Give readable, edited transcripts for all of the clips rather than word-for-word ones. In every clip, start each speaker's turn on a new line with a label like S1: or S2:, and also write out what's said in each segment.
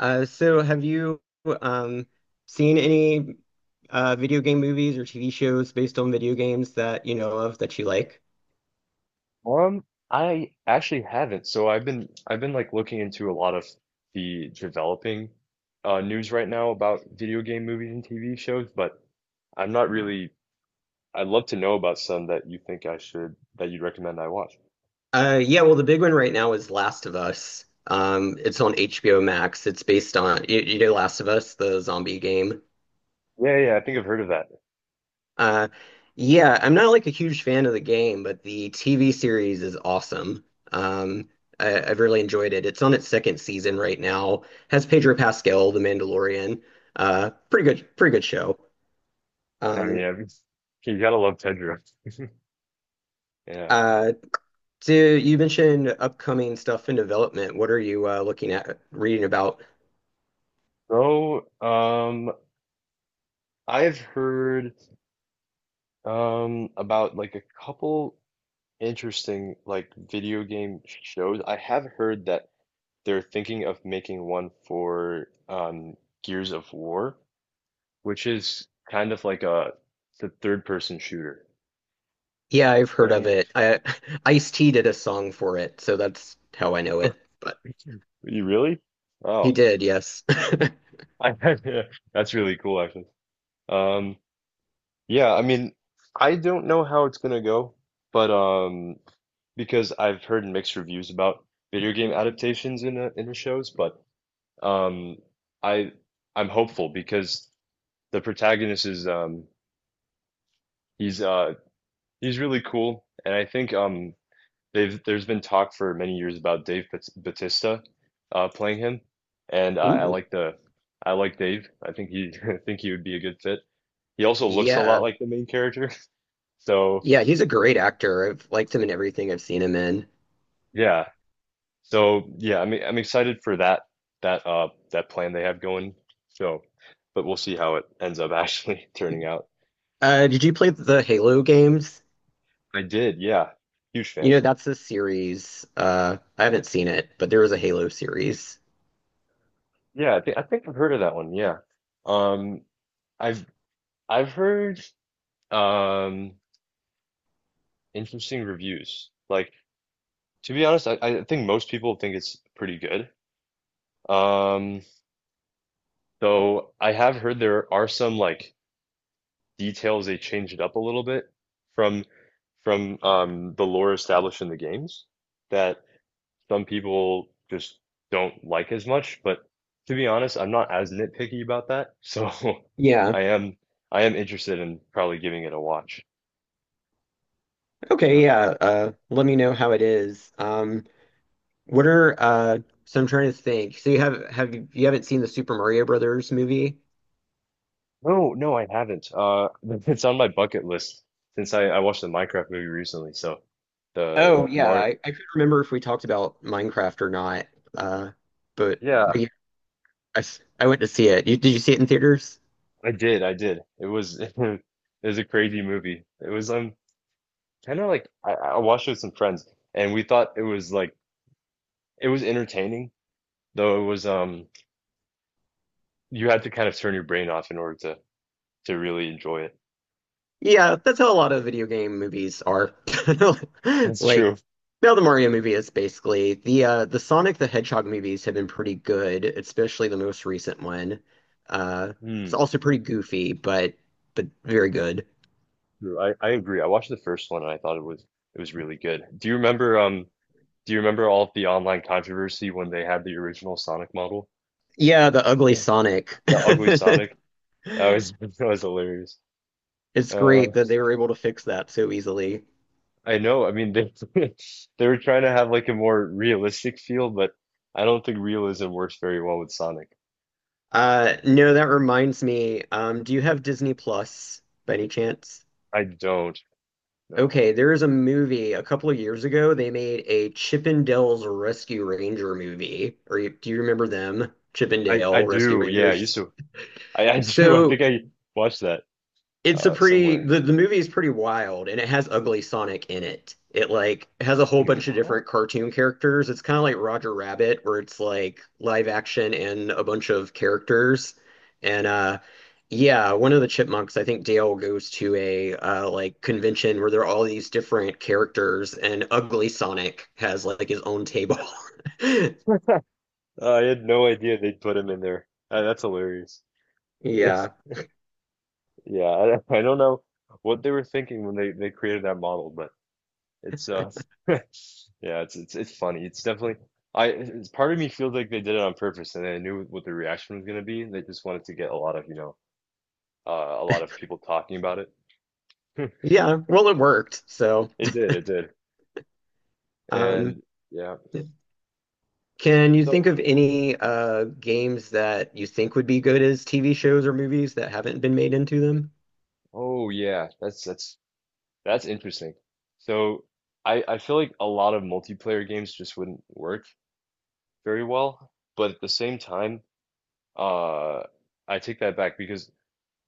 S1: So have you um, seen any video game movies or TV shows based on video games that you know of that you like?
S2: Um, I actually haven't. So I've been like looking into a lot of the developing news right now about video game movies and TV shows, but I'm not really. I'd love to know about some that you think I should, that you'd recommend I watch.
S1: Yeah, well, the big one right now is Last of Us. It's on HBO Max. It's based on you know Last of Us, the zombie game.
S2: Yeah, yeah, I think I've heard of that.
S1: Uh, yeah, I'm not like a huge fan of the game, but the TV series is awesome. Um, I've really enjoyed it. It's on its second season right now. Has Pedro Pascal, the Mandalorian. Pretty good, pretty good show.
S2: I mean,
S1: Um.
S2: I've, you gotta love Tedra. Yeah.
S1: Uh. You mentioned upcoming stuff in development. What are you looking at reading about?
S2: So, um, I've heard about like a couple interesting like video game shows. I have heard that they're thinking of making one for Gears of War, which is kind of like a the third person shooter.
S1: Yeah, I've heard of
S2: Eh.
S1: it. I, Ice-T did a song for it, so that's how I know it. But
S2: You really?
S1: he
S2: Oh,
S1: did, yes.
S2: I, that's really cool actually. Um, yeah, I mean, I don't know how it's gonna go, but because I've heard mixed reviews about video game adaptations in the shows, but um, I I'm hopeful because the protagonist is he's uh he's really cool, and I think they've there's been talk for many years about Batista playing him, and I
S1: Ooh,
S2: like the I like Dave. I think he I think he would be a good fit. He also looks a lot
S1: yeah.
S2: like the main character, so
S1: Yeah, he's a great actor. I've liked him in everything I've seen him in.
S2: yeah, yeah, I'm excited for that that plan they have going. So, but we'll see how it ends up actually turning out.
S1: Did you play the Halo games?
S2: I did, yeah, huge
S1: You
S2: fan.
S1: know, that's a series. I haven't seen it, but there was a Halo series.
S2: Yeah, I think I've heard of that one. Yeah, um, I've I've heard. Um, Interesting reviews. Like, to be honest, I think most people think it's pretty good. Um, though I have heard there are some like details they changed it up a little bit from from the lore established in the games that some people just don't like as much. But to be honest, I'm not as nitpicky about that. So
S1: Yeah.
S2: I am I am interested in probably giving it a watch. Yeah.
S1: Okay, yeah. Let me know how it is. What are so I'm trying to think. So you haven't seen the Super Mario Brothers movie?
S2: No, no, I haven't. It's on my bucket list since I watched the Minecraft movie recently. So
S1: Oh
S2: the
S1: yeah,
S2: Mar
S1: I couldn't remember if we talked about Minecraft or not. Uh but
S2: yeah,
S1: yeah, I went to see it. Did you see it in theaters?
S2: I did, I did. It was it was a crazy movie. It was kind of like I watched it with some friends and we thought it was like it was entertaining, though it was you had to kind of turn your brain off in order to really enjoy it.
S1: Yeah, that's how a lot of video game movies are.
S2: That's
S1: Like
S2: true.
S1: now the Mario movie is basically the Sonic the Hedgehog movies have been pretty good, especially the most recent one. Uh it's
S2: Hmm.
S1: also pretty goofy, but very good.
S2: True. I agree. I watched the first one and I thought it was really good. Do you remember do you remember all of the online controversy when they had the original Sonic model?
S1: Yeah, the ugly
S2: Yes.
S1: Sonic.
S2: The ugly Sonic. That was that was hilarious.
S1: It's
S2: Uh,
S1: great that they were able to fix that so easily.
S2: I know. I mean, they they were trying to have like a more realistic feel, but I don't think realism works very well with Sonic.
S1: No, that reminds me. Do you have Disney Plus by any chance?
S2: I don't know.
S1: Okay, there is a movie a couple of years ago. They made a Chippendales Rescue Ranger movie. Or do you remember them?
S2: I
S1: Chippendale Rescue
S2: do. Yeah, I
S1: Rangers.
S2: used to. I do. I think
S1: So
S2: I watched that
S1: It's a pretty
S2: somewhere.
S1: the movie is pretty wild and it has Ugly Sonic in it. It like has a whole
S2: Hey,
S1: bunch of
S2: what?
S1: different cartoon characters. It's kind of like Roger Rabbit where it's like live action and a bunch of characters. And yeah, one of the chipmunks, I think Dale goes to a like convention where there are all these different characters and Ugly Sonic has like his own table.
S2: I had no idea they'd put him in there. That's hilarious.
S1: Yeah.
S2: Yeah, I, I don't know what they were thinking when they created that model, but it's yeah, it's funny. It's definitely I it's, part of me feels like they did it on purpose and they knew what the reaction was going to be. They just wanted to get a lot of, uh, a lot of people talking about it.
S1: Yeah, well it worked. So,
S2: It did, it did.
S1: um
S2: And yeah.
S1: Can you
S2: So,
S1: think of any games that you think would be good as TV shows or movies that haven't been made into them?
S2: oh yeah, that's interesting. So, I feel like a lot of multiplayer games just wouldn't work very well, but at the same time Uh, I take that back because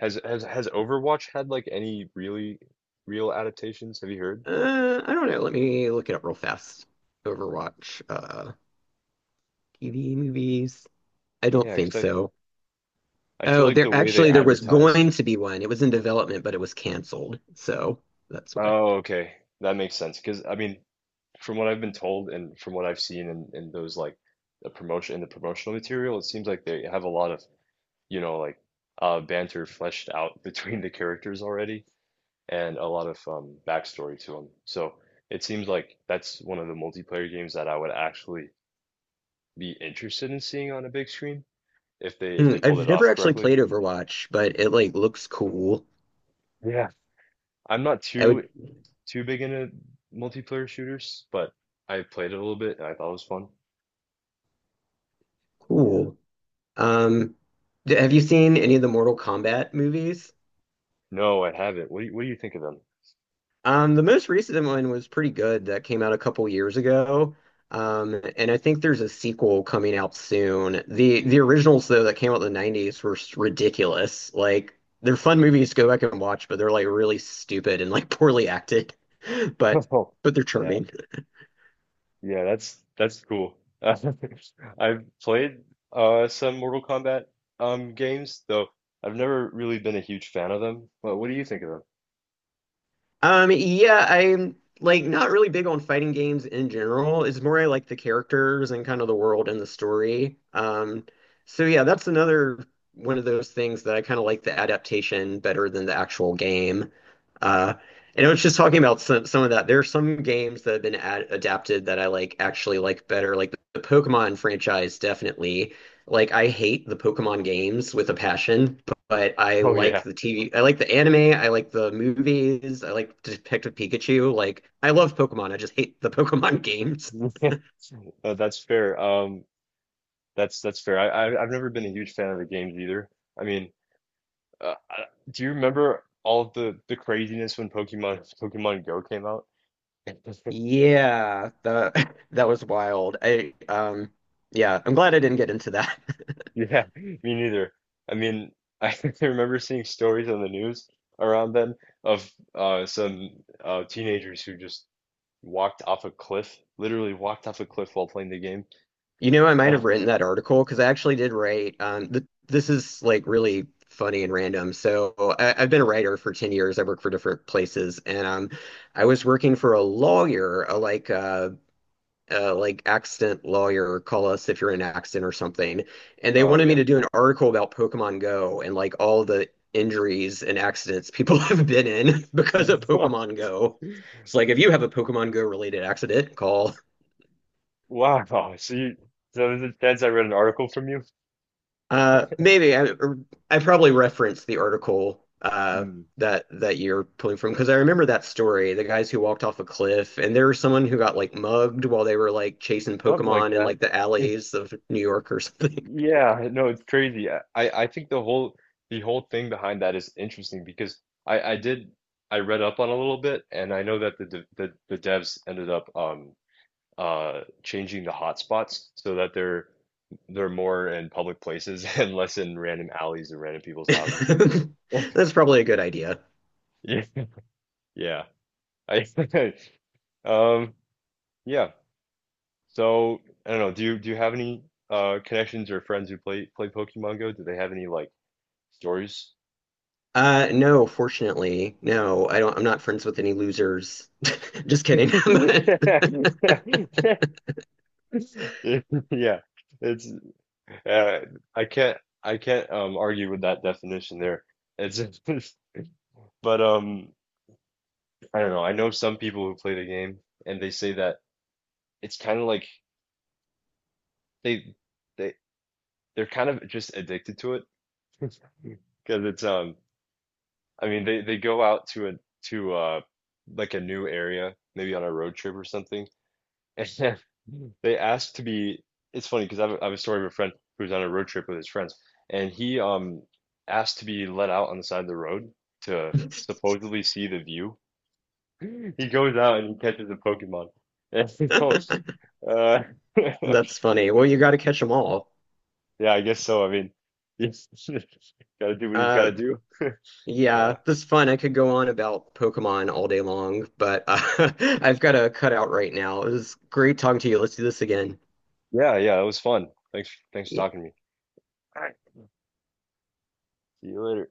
S2: has Overwatch had like any really real adaptations? Have you heard?
S1: I don't know. Let me look it up real fast. Overwatch, TV movies. I don't
S2: Yeah,
S1: think
S2: because
S1: so.
S2: I feel
S1: Oh,
S2: like the
S1: there
S2: way they
S1: actually there was
S2: advertise.
S1: going to be one. It was in development, but it was canceled. So that's why.
S2: Oh, okay, that makes sense. Because I mean, from what I've been told and from what I've seen in those like the promotion in the promotional material, it seems like they have a lot of, you know, like banter fleshed out between the characters already and a lot of backstory to them. So it seems like that's one of the multiplayer games that I would actually be interested in seeing on a big screen if
S1: Hmm,
S2: they pulled it
S1: I've never
S2: off
S1: actually
S2: correctly.
S1: played Overwatch, but it like looks cool.
S2: Yeah. I'm not
S1: I would
S2: too big into multiplayer shooters, but I played it a little bit and I thought it was fun. Yeah.
S1: cool. Um, have you seen any of the Mortal Kombat movies?
S2: No, I haven't. What do what do you think of them?
S1: The most recent one was pretty good that came out a couple years ago. And I think there's a sequel coming out soon. The originals though that came out in the 90s were ridiculous. Like they're fun movies to go back and watch, but they're like really stupid and like poorly acted. But
S2: Oh,
S1: but they're
S2: yeah,
S1: charming.
S2: yeah, that's cool. I've played some Mortal Kombat games, though I've never really been a huge fan of them. But what do you think of them?
S1: Yeah, I'm like not really big on fighting games in general. It's more I like the characters and kind of the world and the story. So yeah, that's another one of those things that I kind of like the adaptation better than the actual game. Uh, and I was just talking about some of that. There are some games that have been ad adapted that I like actually like better. Like the Pokemon franchise, definitely. Like I hate the Pokemon games with a passion, but I
S2: Oh
S1: like
S2: yeah.
S1: the TV. I like the anime. I like the movies. I like Detective Pikachu. Like I love Pokemon. I just hate the Pokemon games.
S2: That's fair. That's fair. I I've never been a huge fan of the games either. I mean, uh, I- do you remember all of the craziness when Pokemon Go came out?
S1: Yeah, that that was wild. I yeah, I'm glad I didn't get into that.
S2: Yeah, me neither. I mean, I remember seeing stories on the news around then of some teenagers who just walked off a cliff, literally walked off a cliff while playing the game.
S1: You know, I might have written that article because I actually did write. Th this is like really funny and random. So I've been a writer for 10 years. I work for different places, and I was working for a lawyer, a like accident lawyer. Call us if you're in an accident or something. And they
S2: Oh
S1: wanted me
S2: yeah.
S1: to do an article about Pokemon Go and like all the injuries and accidents people have been in because of Pokemon Go. It's like if you have a Pokemon Go related accident, call.
S2: Wow. So is it- that's, I read an article from you?
S1: Maybe I probably referenced the article
S2: Hmm.
S1: that that you're pulling from because I remember that story, the guys who walked off a cliff, and there was someone who got like mugged while they were like chasing
S2: Something like
S1: Pokemon in
S2: that.
S1: like the alleys of New York or something.
S2: Yeah, no, it's crazy. I think the whole thing behind that is interesting because I did, I read up on a little bit and I know that the devs ended up changing the hotspots so that they're more in public places and less in random alleys and random people's houses.
S1: That's probably a good idea.
S2: Yeah. Yeah. I um yeah. So I don't know, do you have any connections or friends who play Pokemon Go? Do they have any like stories?
S1: No, fortunately, no, I don't. I'm not friends with any losers. Just kidding.
S2: Yeah, it's uh, I can't argue with that definition there. It's but I don't know. I know some people who play the game and they say that it's kind of like they they they're kind of just addicted to it because it's I mean they go out to like a new area maybe on a road trip or something. And they asked to be. It's funny because I have a story of a friend who was on a road trip with his friends, and he asked to be let out on the side of the road to supposedly see the view. He goes out and he catches a Pokemon. And he goes, uh,
S1: That's funny. Well, you got to catch them all.
S2: yeah, I guess so. I mean, he's gotta do what he's
S1: Uh,
S2: gotta do.
S1: Yeah,
S2: Yeah,
S1: this is fun. I could go on about Pokemon all day long, but I've got to cut out right now. It was great talking to you. Let's do this again.
S2: yeah, yeah. It was fun. Thanks for talking to me. All right. See you later.